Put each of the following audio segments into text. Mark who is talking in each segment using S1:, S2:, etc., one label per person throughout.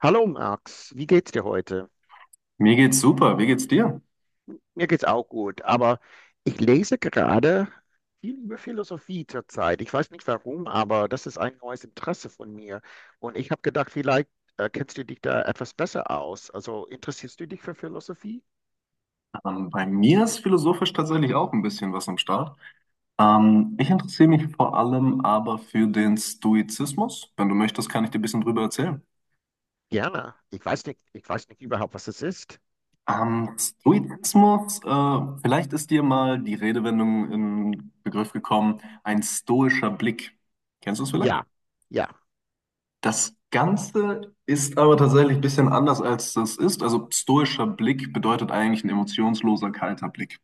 S1: Hallo Max, wie geht's dir heute?
S2: Mir geht's super. Wie geht's dir?
S1: Mir geht's auch gut, aber ich lese gerade viel über Philosophie zurzeit. Ich weiß nicht warum, aber das ist ein neues Interesse von mir. Und ich habe gedacht, vielleicht kennst du dich da etwas besser aus. Also interessierst du dich für Philosophie?
S2: Bei mir ist philosophisch tatsächlich auch ein bisschen was am Start. Ich interessiere mich vor allem aber für den Stoizismus. Wenn du möchtest, kann ich dir ein bisschen drüber erzählen.
S1: Gerne. Ich weiß nicht überhaupt, was es ist.
S2: Stoizismus, vielleicht ist dir mal die Redewendung in Begriff gekommen, ein stoischer Blick. Kennst du es vielleicht?
S1: Ja, ja.
S2: Das Ganze ist aber tatsächlich ein bisschen anders, als das ist. Also stoischer Blick bedeutet eigentlich ein emotionsloser, kalter Blick.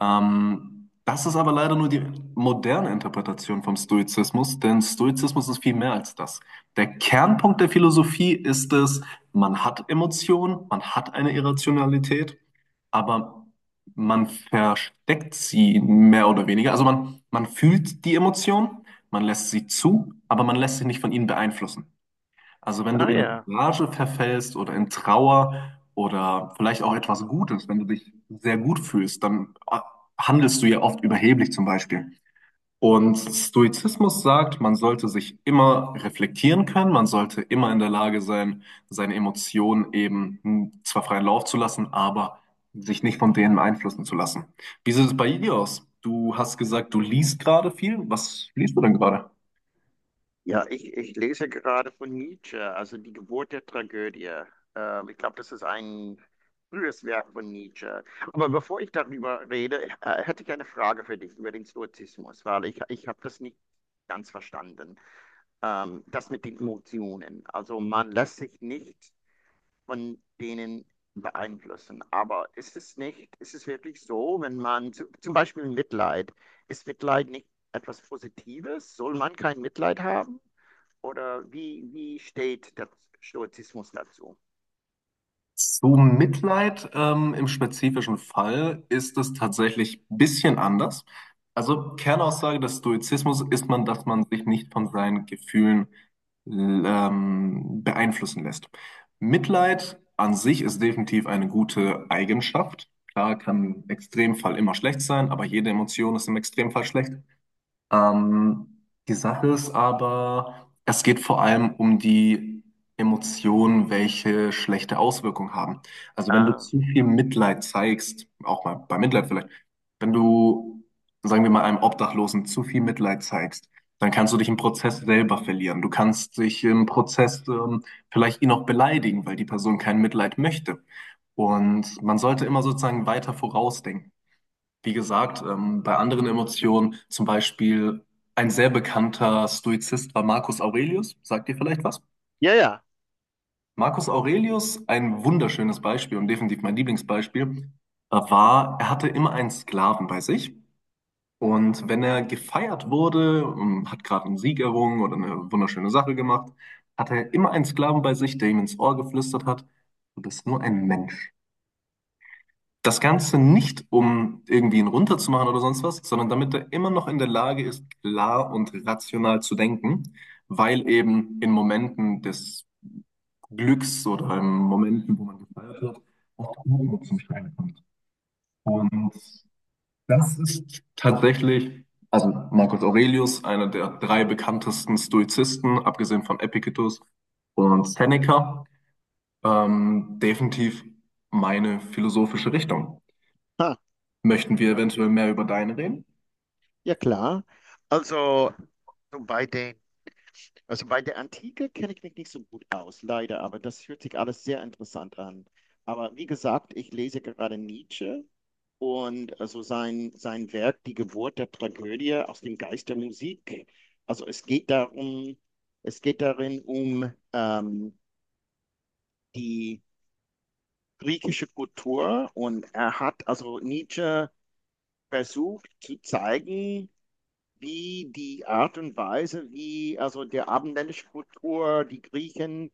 S2: Das ist aber leider nur die moderne Interpretation vom Stoizismus, denn Stoizismus ist viel mehr als das. Der Kernpunkt der Philosophie ist es, man hat Emotionen, man hat eine Irrationalität, aber man versteckt sie mehr oder weniger. Also man fühlt die Emotionen, man lässt sie zu, aber man lässt sich nicht von ihnen beeinflussen. Also wenn du
S1: Ah
S2: in eine
S1: ja.
S2: Rage verfällst oder in Trauer oder vielleicht auch etwas Gutes, wenn du dich sehr gut fühlst, dann handelst du ja oft überheblich zum Beispiel. Und Stoizismus sagt, man sollte sich immer reflektieren können, man sollte immer in der Lage sein, seine Emotionen eben zwar freien Lauf zu lassen, aber sich nicht von denen beeinflussen zu lassen. Wie sieht es bei dir aus? Du hast gesagt, du liest gerade viel. Was liest du denn gerade?
S1: Ja, ich lese gerade von Nietzsche, also die Geburt der Tragödie. Ich glaube, das ist ein frühes Werk von Nietzsche. Aber bevor ich darüber rede, hätte ich eine Frage für dich über den Stoizismus, weil ich habe das nicht ganz verstanden. Das mit den Emotionen. Also man lässt sich nicht von denen beeinflussen. Aber ist es nicht, ist es wirklich so, wenn man zu, zum Beispiel Mitleid, ist Mitleid nicht etwas Positives? Soll man kein Mitleid haben? Oder wie, wie steht der Stoizismus dazu?
S2: Zu Mitleid im spezifischen Fall ist es tatsächlich ein bisschen anders. Also Kernaussage des Stoizismus ist man, dass man sich nicht von seinen Gefühlen beeinflussen lässt. Mitleid an sich ist definitiv eine gute Eigenschaft. Klar, kann im Extremfall immer schlecht sein, aber jede Emotion ist im Extremfall schlecht. Ähm, Die Sache ist aber, es geht vor allem um die Emotionen, welche schlechte Auswirkungen haben. Also wenn du
S1: Ah,
S2: zu viel Mitleid zeigst, auch mal bei Mitleid vielleicht, wenn du, sagen wir mal, einem Obdachlosen zu viel Mitleid zeigst, dann kannst du dich im Prozess selber verlieren. Du kannst dich im Prozess vielleicht ihn auch beleidigen, weil die Person kein Mitleid möchte. Und man sollte immer sozusagen weiter vorausdenken. Wie gesagt, bei anderen Emotionen, zum Beispiel ein sehr bekannter Stoizist war Marcus Aurelius. Sagt dir vielleicht was?
S1: ja, ja.
S2: Marcus Aurelius, ein wunderschönes Beispiel und definitiv mein Lieblingsbeispiel, war, er hatte immer einen Sklaven bei sich. Und wenn er gefeiert wurde, hat gerade einen Sieg errungen oder eine wunderschöne Sache gemacht, hatte er immer einen Sklaven bei sich, der ihm ins Ohr geflüstert hat, du bist nur ein Mensch. Das Ganze nicht, um irgendwie ihn runterzumachen oder sonst was, sondern damit er immer noch in der Lage ist, klar und rational zu denken, weil eben in Momenten des Glücks oder in Momenten, wo man gefeiert wird, auch der Humor zum Schein kommt. Und das ist tatsächlich, also Marcus Aurelius, einer der drei bekanntesten Stoizisten, abgesehen von Epictetus und Seneca, definitiv meine philosophische Richtung.
S1: Ha.
S2: Möchten wir
S1: Ja.
S2: eventuell mehr über deine reden?
S1: Ja, klar. Also, so bei den, also bei der Antike kenne ich mich nicht so gut aus, leider, aber das hört sich alles sehr interessant an. Aber wie gesagt, ich lese gerade Nietzsche und also sein Werk Die Geburt der Tragödie aus dem Geist der Musik. Also es geht darum, es geht darin um die griechische Kultur und er hat also Nietzsche versucht zu zeigen, wie die Art und Weise, wie also der abendländische Kultur die Griechen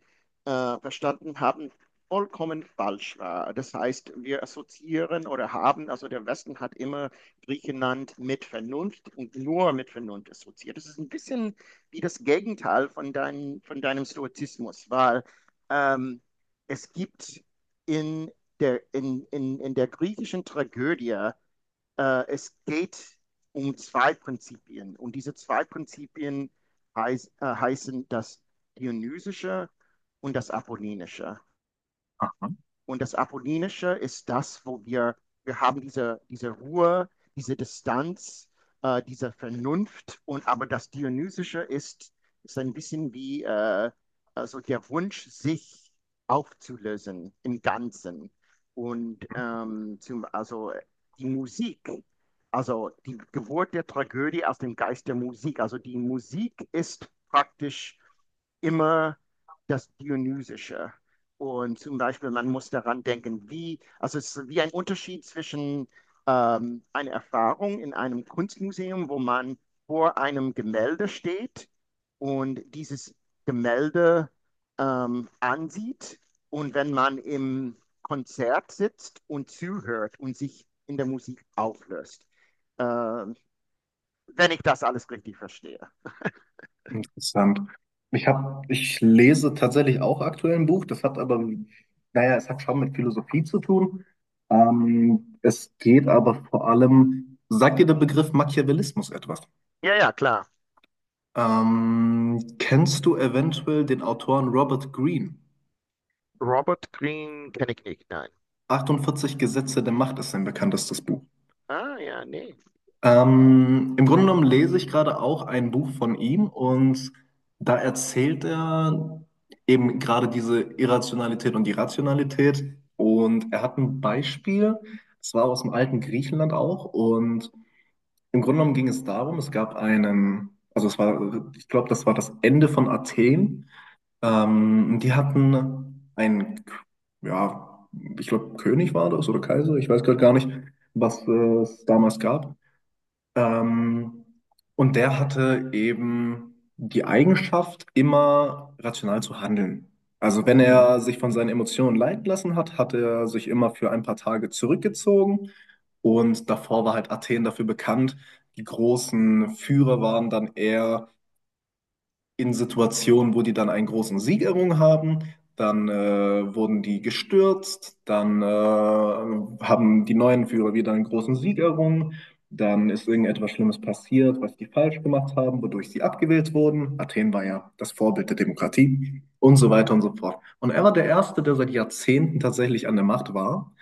S1: verstanden haben, vollkommen falsch war. Das heißt, wir assoziieren oder haben, also der Westen hat immer Griechenland mit Vernunft und nur mit Vernunft assoziiert. Das ist ein bisschen wie das Gegenteil von, dein, von deinem Stoizismus, weil ähm, es gibt in in der griechischen Tragödie es geht um zwei Prinzipien. Und diese zwei Prinzipien heißen das Dionysische und das Apollinische.
S2: Aha.
S1: Und das Apollinische ist das, wo wir haben diese Ruhe, diese Distanz, diese Vernunft. Und aber das Dionysische ist, ist ein bisschen wie also der Wunsch, sich aufzulösen im Ganzen. Und zum, also die Musik, also die Geburt der Tragödie aus dem Geist der Musik. Also die Musik ist praktisch immer das Dionysische. Und zum Beispiel, man muss daran denken, wie, also es ist wie ein Unterschied zwischen einer Erfahrung in einem Kunstmuseum, wo man vor einem Gemälde steht und dieses Gemälde ansieht. Und wenn man im Konzert sitzt und zuhört und sich in der Musik auflöst. Ähm, Wenn ich das alles richtig verstehe.
S2: Interessant. Ich lese tatsächlich auch aktuell ein Buch, das hat aber, naja, es hat schon mit Philosophie zu tun. Es geht aber vor allem, sagt dir der Begriff Machiavellismus etwas?
S1: Ja, ja, klar.
S2: Kennst du eventuell den Autoren Robert Greene?
S1: Robert Greene kenne ich nicht, nein.
S2: 48 Gesetze der Macht ist sein bekanntestes Buch.
S1: Ah, ja, nee.
S2: Im Grunde genommen lese ich gerade auch ein Buch von ihm und da erzählt er eben gerade diese Irrationalität und die Rationalität und er hat ein Beispiel, es war aus dem alten Griechenland auch und im Grunde genommen ging es darum, es gab einen, also es war, ich glaube, das war das Ende von Athen, die hatten einen, ja, ich glaube, König war das oder Kaiser, ich weiß gerade gar nicht, was es damals gab. Ähm, und der hatte eben die Eigenschaft, immer rational zu handeln. Also wenn er
S1: Mhm.
S2: sich von seinen Emotionen leiten lassen hat, hat er sich immer für ein paar Tage zurückgezogen. Und davor war halt Athen dafür bekannt. Die großen Führer waren dann eher in Situationen, wo die dann einen großen Sieg errungen haben. Dann wurden die gestürzt, dann haben die neuen Führer wieder einen großen Sieg errungen, dann ist irgendetwas Schlimmes passiert, was die falsch gemacht haben, wodurch sie abgewählt wurden. Athen war ja das Vorbild der Demokratie und so weiter und so fort. Und er war der Erste, der seit Jahrzehnten tatsächlich an der Macht war.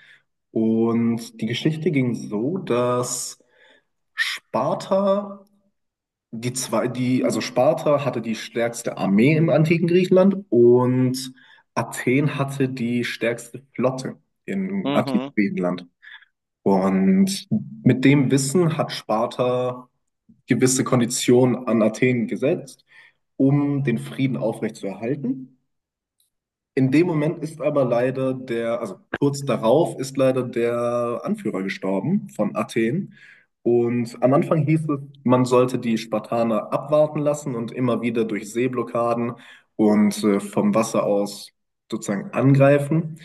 S2: Und die Geschichte ging so, dass Sparta die zwei, die, also Sparta hatte die stärkste Armee im antiken Griechenland und Athen hatte die stärkste Flotte im antiken
S1: Mhm.
S2: Griechenland. Und mit dem Wissen hat Sparta gewisse Konditionen an Athen gesetzt, um den Frieden aufrechtzuerhalten. In dem Moment ist aber leider der, also kurz darauf ist leider der Anführer gestorben von Athen. Und am Anfang hieß es, man sollte die Spartaner abwarten lassen und immer wieder durch Seeblockaden und vom Wasser aus sozusagen angreifen.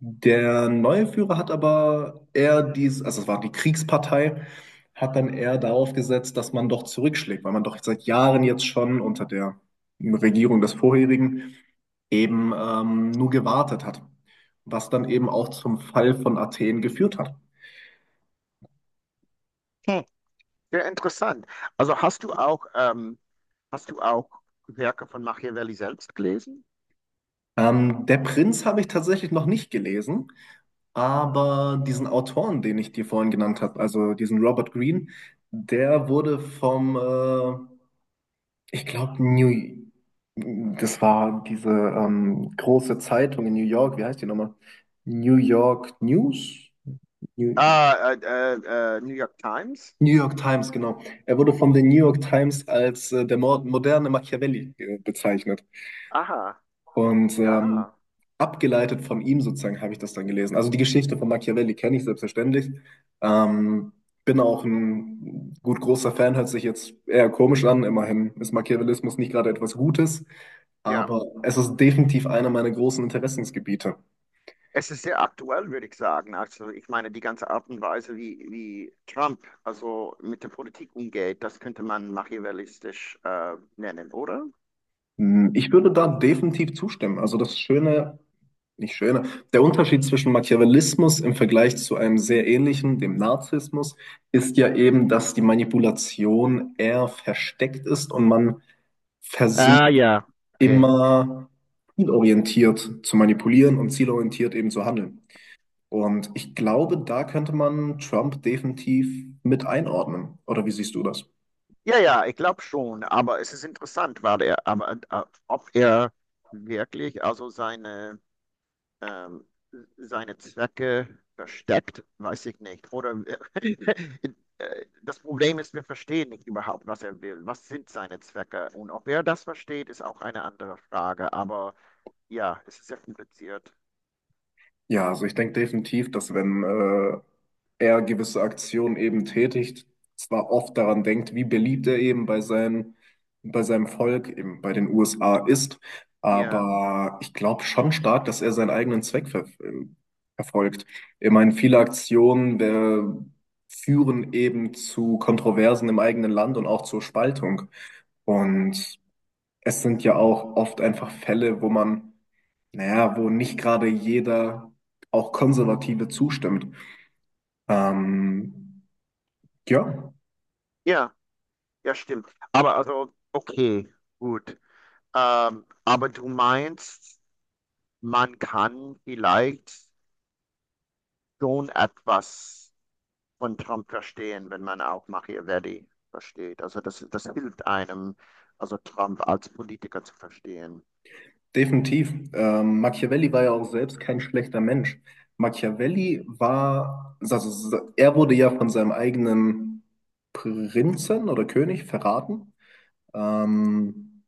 S2: Der neue Führer hat aber eher dies, also es war die Kriegspartei, hat dann eher darauf gesetzt, dass man doch zurückschlägt, weil man doch seit Jahren jetzt schon unter der Regierung des vorherigen eben nur gewartet hat, was dann eben auch zum Fall von Athen geführt hat.
S1: Hm. Sehr interessant. Also hast du auch Werke von Machiavelli selbst gelesen?
S2: Der Prinz habe ich tatsächlich noch nicht gelesen, aber diesen Autoren, den ich dir vorhin genannt habe, also diesen Robert Greene, der wurde vom, ich glaube, New, das war diese große Zeitung in New York, wie heißt die nochmal? New York News? New,
S1: Ah, New York Times?
S2: New York Times, genau. Er wurde von den New York Times als der moderne Machiavelli bezeichnet.
S1: Aha,
S2: Und ähm,
S1: ja,
S2: abgeleitet von ihm sozusagen habe ich das dann gelesen. Also die Geschichte von Machiavelli kenne ich selbstverständlich. Ähm, Bin auch ein gut großer Fan, hört sich jetzt eher komisch an. Immerhin ist Machiavellismus nicht gerade etwas Gutes,
S1: ja.
S2: aber es ist definitiv einer meiner großen Interessensgebiete.
S1: Es ist sehr aktuell, würde ich sagen. Also ich meine, die ganze Art und Weise, wie, wie Trump also mit der Politik umgeht, das könnte man machiavellistisch nennen, oder?
S2: Hm, ich würde da definitiv zustimmen. Also das Schöne, nicht Schöne, der Unterschied zwischen Machiavellismus im Vergleich zu einem sehr ähnlichen, dem Narzissmus, ist ja eben, dass die Manipulation eher versteckt ist und man versucht
S1: Ah, ja.
S2: immer zielorientiert zu manipulieren und zielorientiert eben zu handeln. Und ich glaube, da könnte man Trump definitiv mit einordnen. Oder wie siehst du das?
S1: Ja, ja, ich glaube schon, aber es ist interessant, war der, aber ob er wirklich also seine, ähm, seine Zwecke versteckt, weiß ich nicht. Oder äh, das Problem ist, wir verstehen nicht überhaupt, was er will. Was sind seine Zwecke? Und ob er das versteht, ist auch eine andere Frage. Aber ja, es ist sehr kompliziert.
S2: Ja, also ich denke definitiv, dass wenn er gewisse Aktionen eben tätigt, zwar oft daran denkt, wie beliebt er eben bei seinen, bei seinem Volk, eben bei den USA ist,
S1: Ja,
S2: aber ich glaube schon stark, dass er seinen eigenen Zweck verfolgt. Ich meine, viele Aktionen führen eben zu Kontroversen im eigenen Land und auch zur Spaltung. Und es sind ja auch oft einfach Fälle, wo man, naja, wo nicht gerade jeder, auch Konservative, zustimmt. Ähm, ja,
S1: ja, ja, stimmt. Aber also, okay, gut. Aber du meinst, man kann vielleicht schon etwas von Trump verstehen, wenn man auch Machiavelli versteht. Also das, das hilft einem, also Trump als Politiker zu verstehen.
S2: definitiv. Machiavelli war ja auch selbst kein schlechter Mensch. Machiavelli war, also er wurde ja von seinem eigenen Prinzen oder König verraten. Ähm,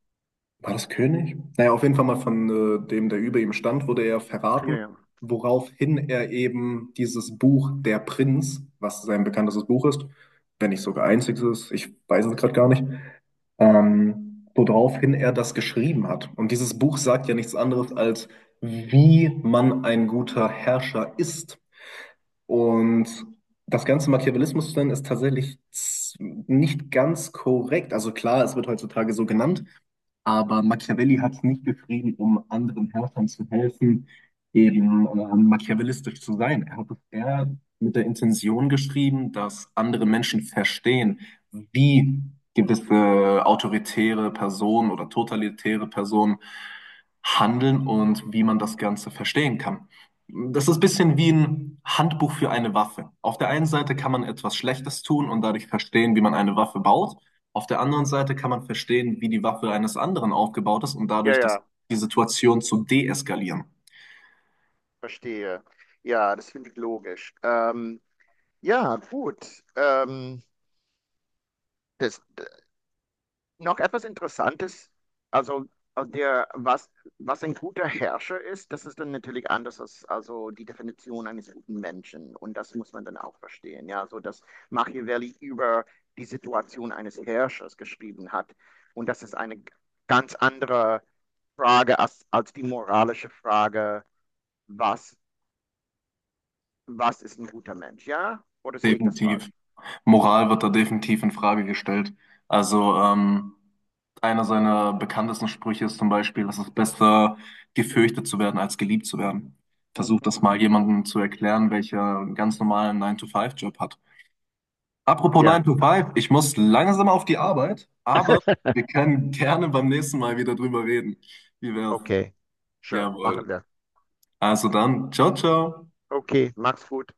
S2: War das König? Naja, auf jeden Fall mal von dem, der über ihm stand, wurde er verraten,
S1: Ja, ja,
S2: woraufhin er eben dieses Buch Der Prinz, was sein bekanntestes Buch ist, wenn nicht sogar einziges, ich weiß es gerade gar nicht, woraufhin er das geschrieben hat. Und dieses Buch sagt ja nichts anderes als, wie man ein guter Herrscher ist. Und das ganze Machiavellismus-Stand ist tatsächlich nicht ganz korrekt. Also klar, es wird heutzutage so genannt. Aber Machiavelli hat es nicht geschrieben, um anderen Herrschern zu helfen, eben machiavellistisch zu sein. Er hat es eher mit der Intention geschrieben, dass andere Menschen verstehen, wie gewisse autoritäre Personen oder totalitäre Personen handeln und wie man das Ganze verstehen kann. Das ist ein bisschen wie ein Handbuch für eine Waffe. Auf der einen Seite kann man etwas Schlechtes tun und dadurch verstehen, wie man eine Waffe baut. Auf der anderen Seite kann man verstehen, wie die Waffe eines anderen aufgebaut ist und
S1: ja,
S2: dadurch das,
S1: ja,
S2: die Situation zu deeskalieren.
S1: verstehe. Ja, das finde ich logisch. Ja, gut. Das, noch etwas Interessantes, also also der, was, was ein guter Herrscher ist, das ist dann natürlich anders als also die Definition eines guten Menschen. Und das muss man dann auch verstehen. Ja, so dass Machiavelli über die Situation eines Herrschers geschrieben hat. Und das ist eine ganz andere Frage als, als die moralische Frage, was, was ist ein guter Mensch? Ja? Oder sehe ich das
S2: Definitiv.
S1: falsch?
S2: Moral wird da definitiv in Frage gestellt. Also, einer seiner bekanntesten Sprüche ist zum Beispiel, dass es besser gefürchtet zu werden, als geliebt zu werden. Versucht das
S1: Mhm.
S2: mal jemandem zu erklären, welcher einen ganz normalen 9 to five job hat. Apropos 9
S1: Ja,
S2: to five, ich muss langsam auf die Arbeit, aber wir können gerne beim nächsten Mal wieder drüber reden. Wie wär's?
S1: okay. Schön,
S2: Jawohl.
S1: machen wir.
S2: Also dann, ciao, ciao.
S1: Okay, mach's gut.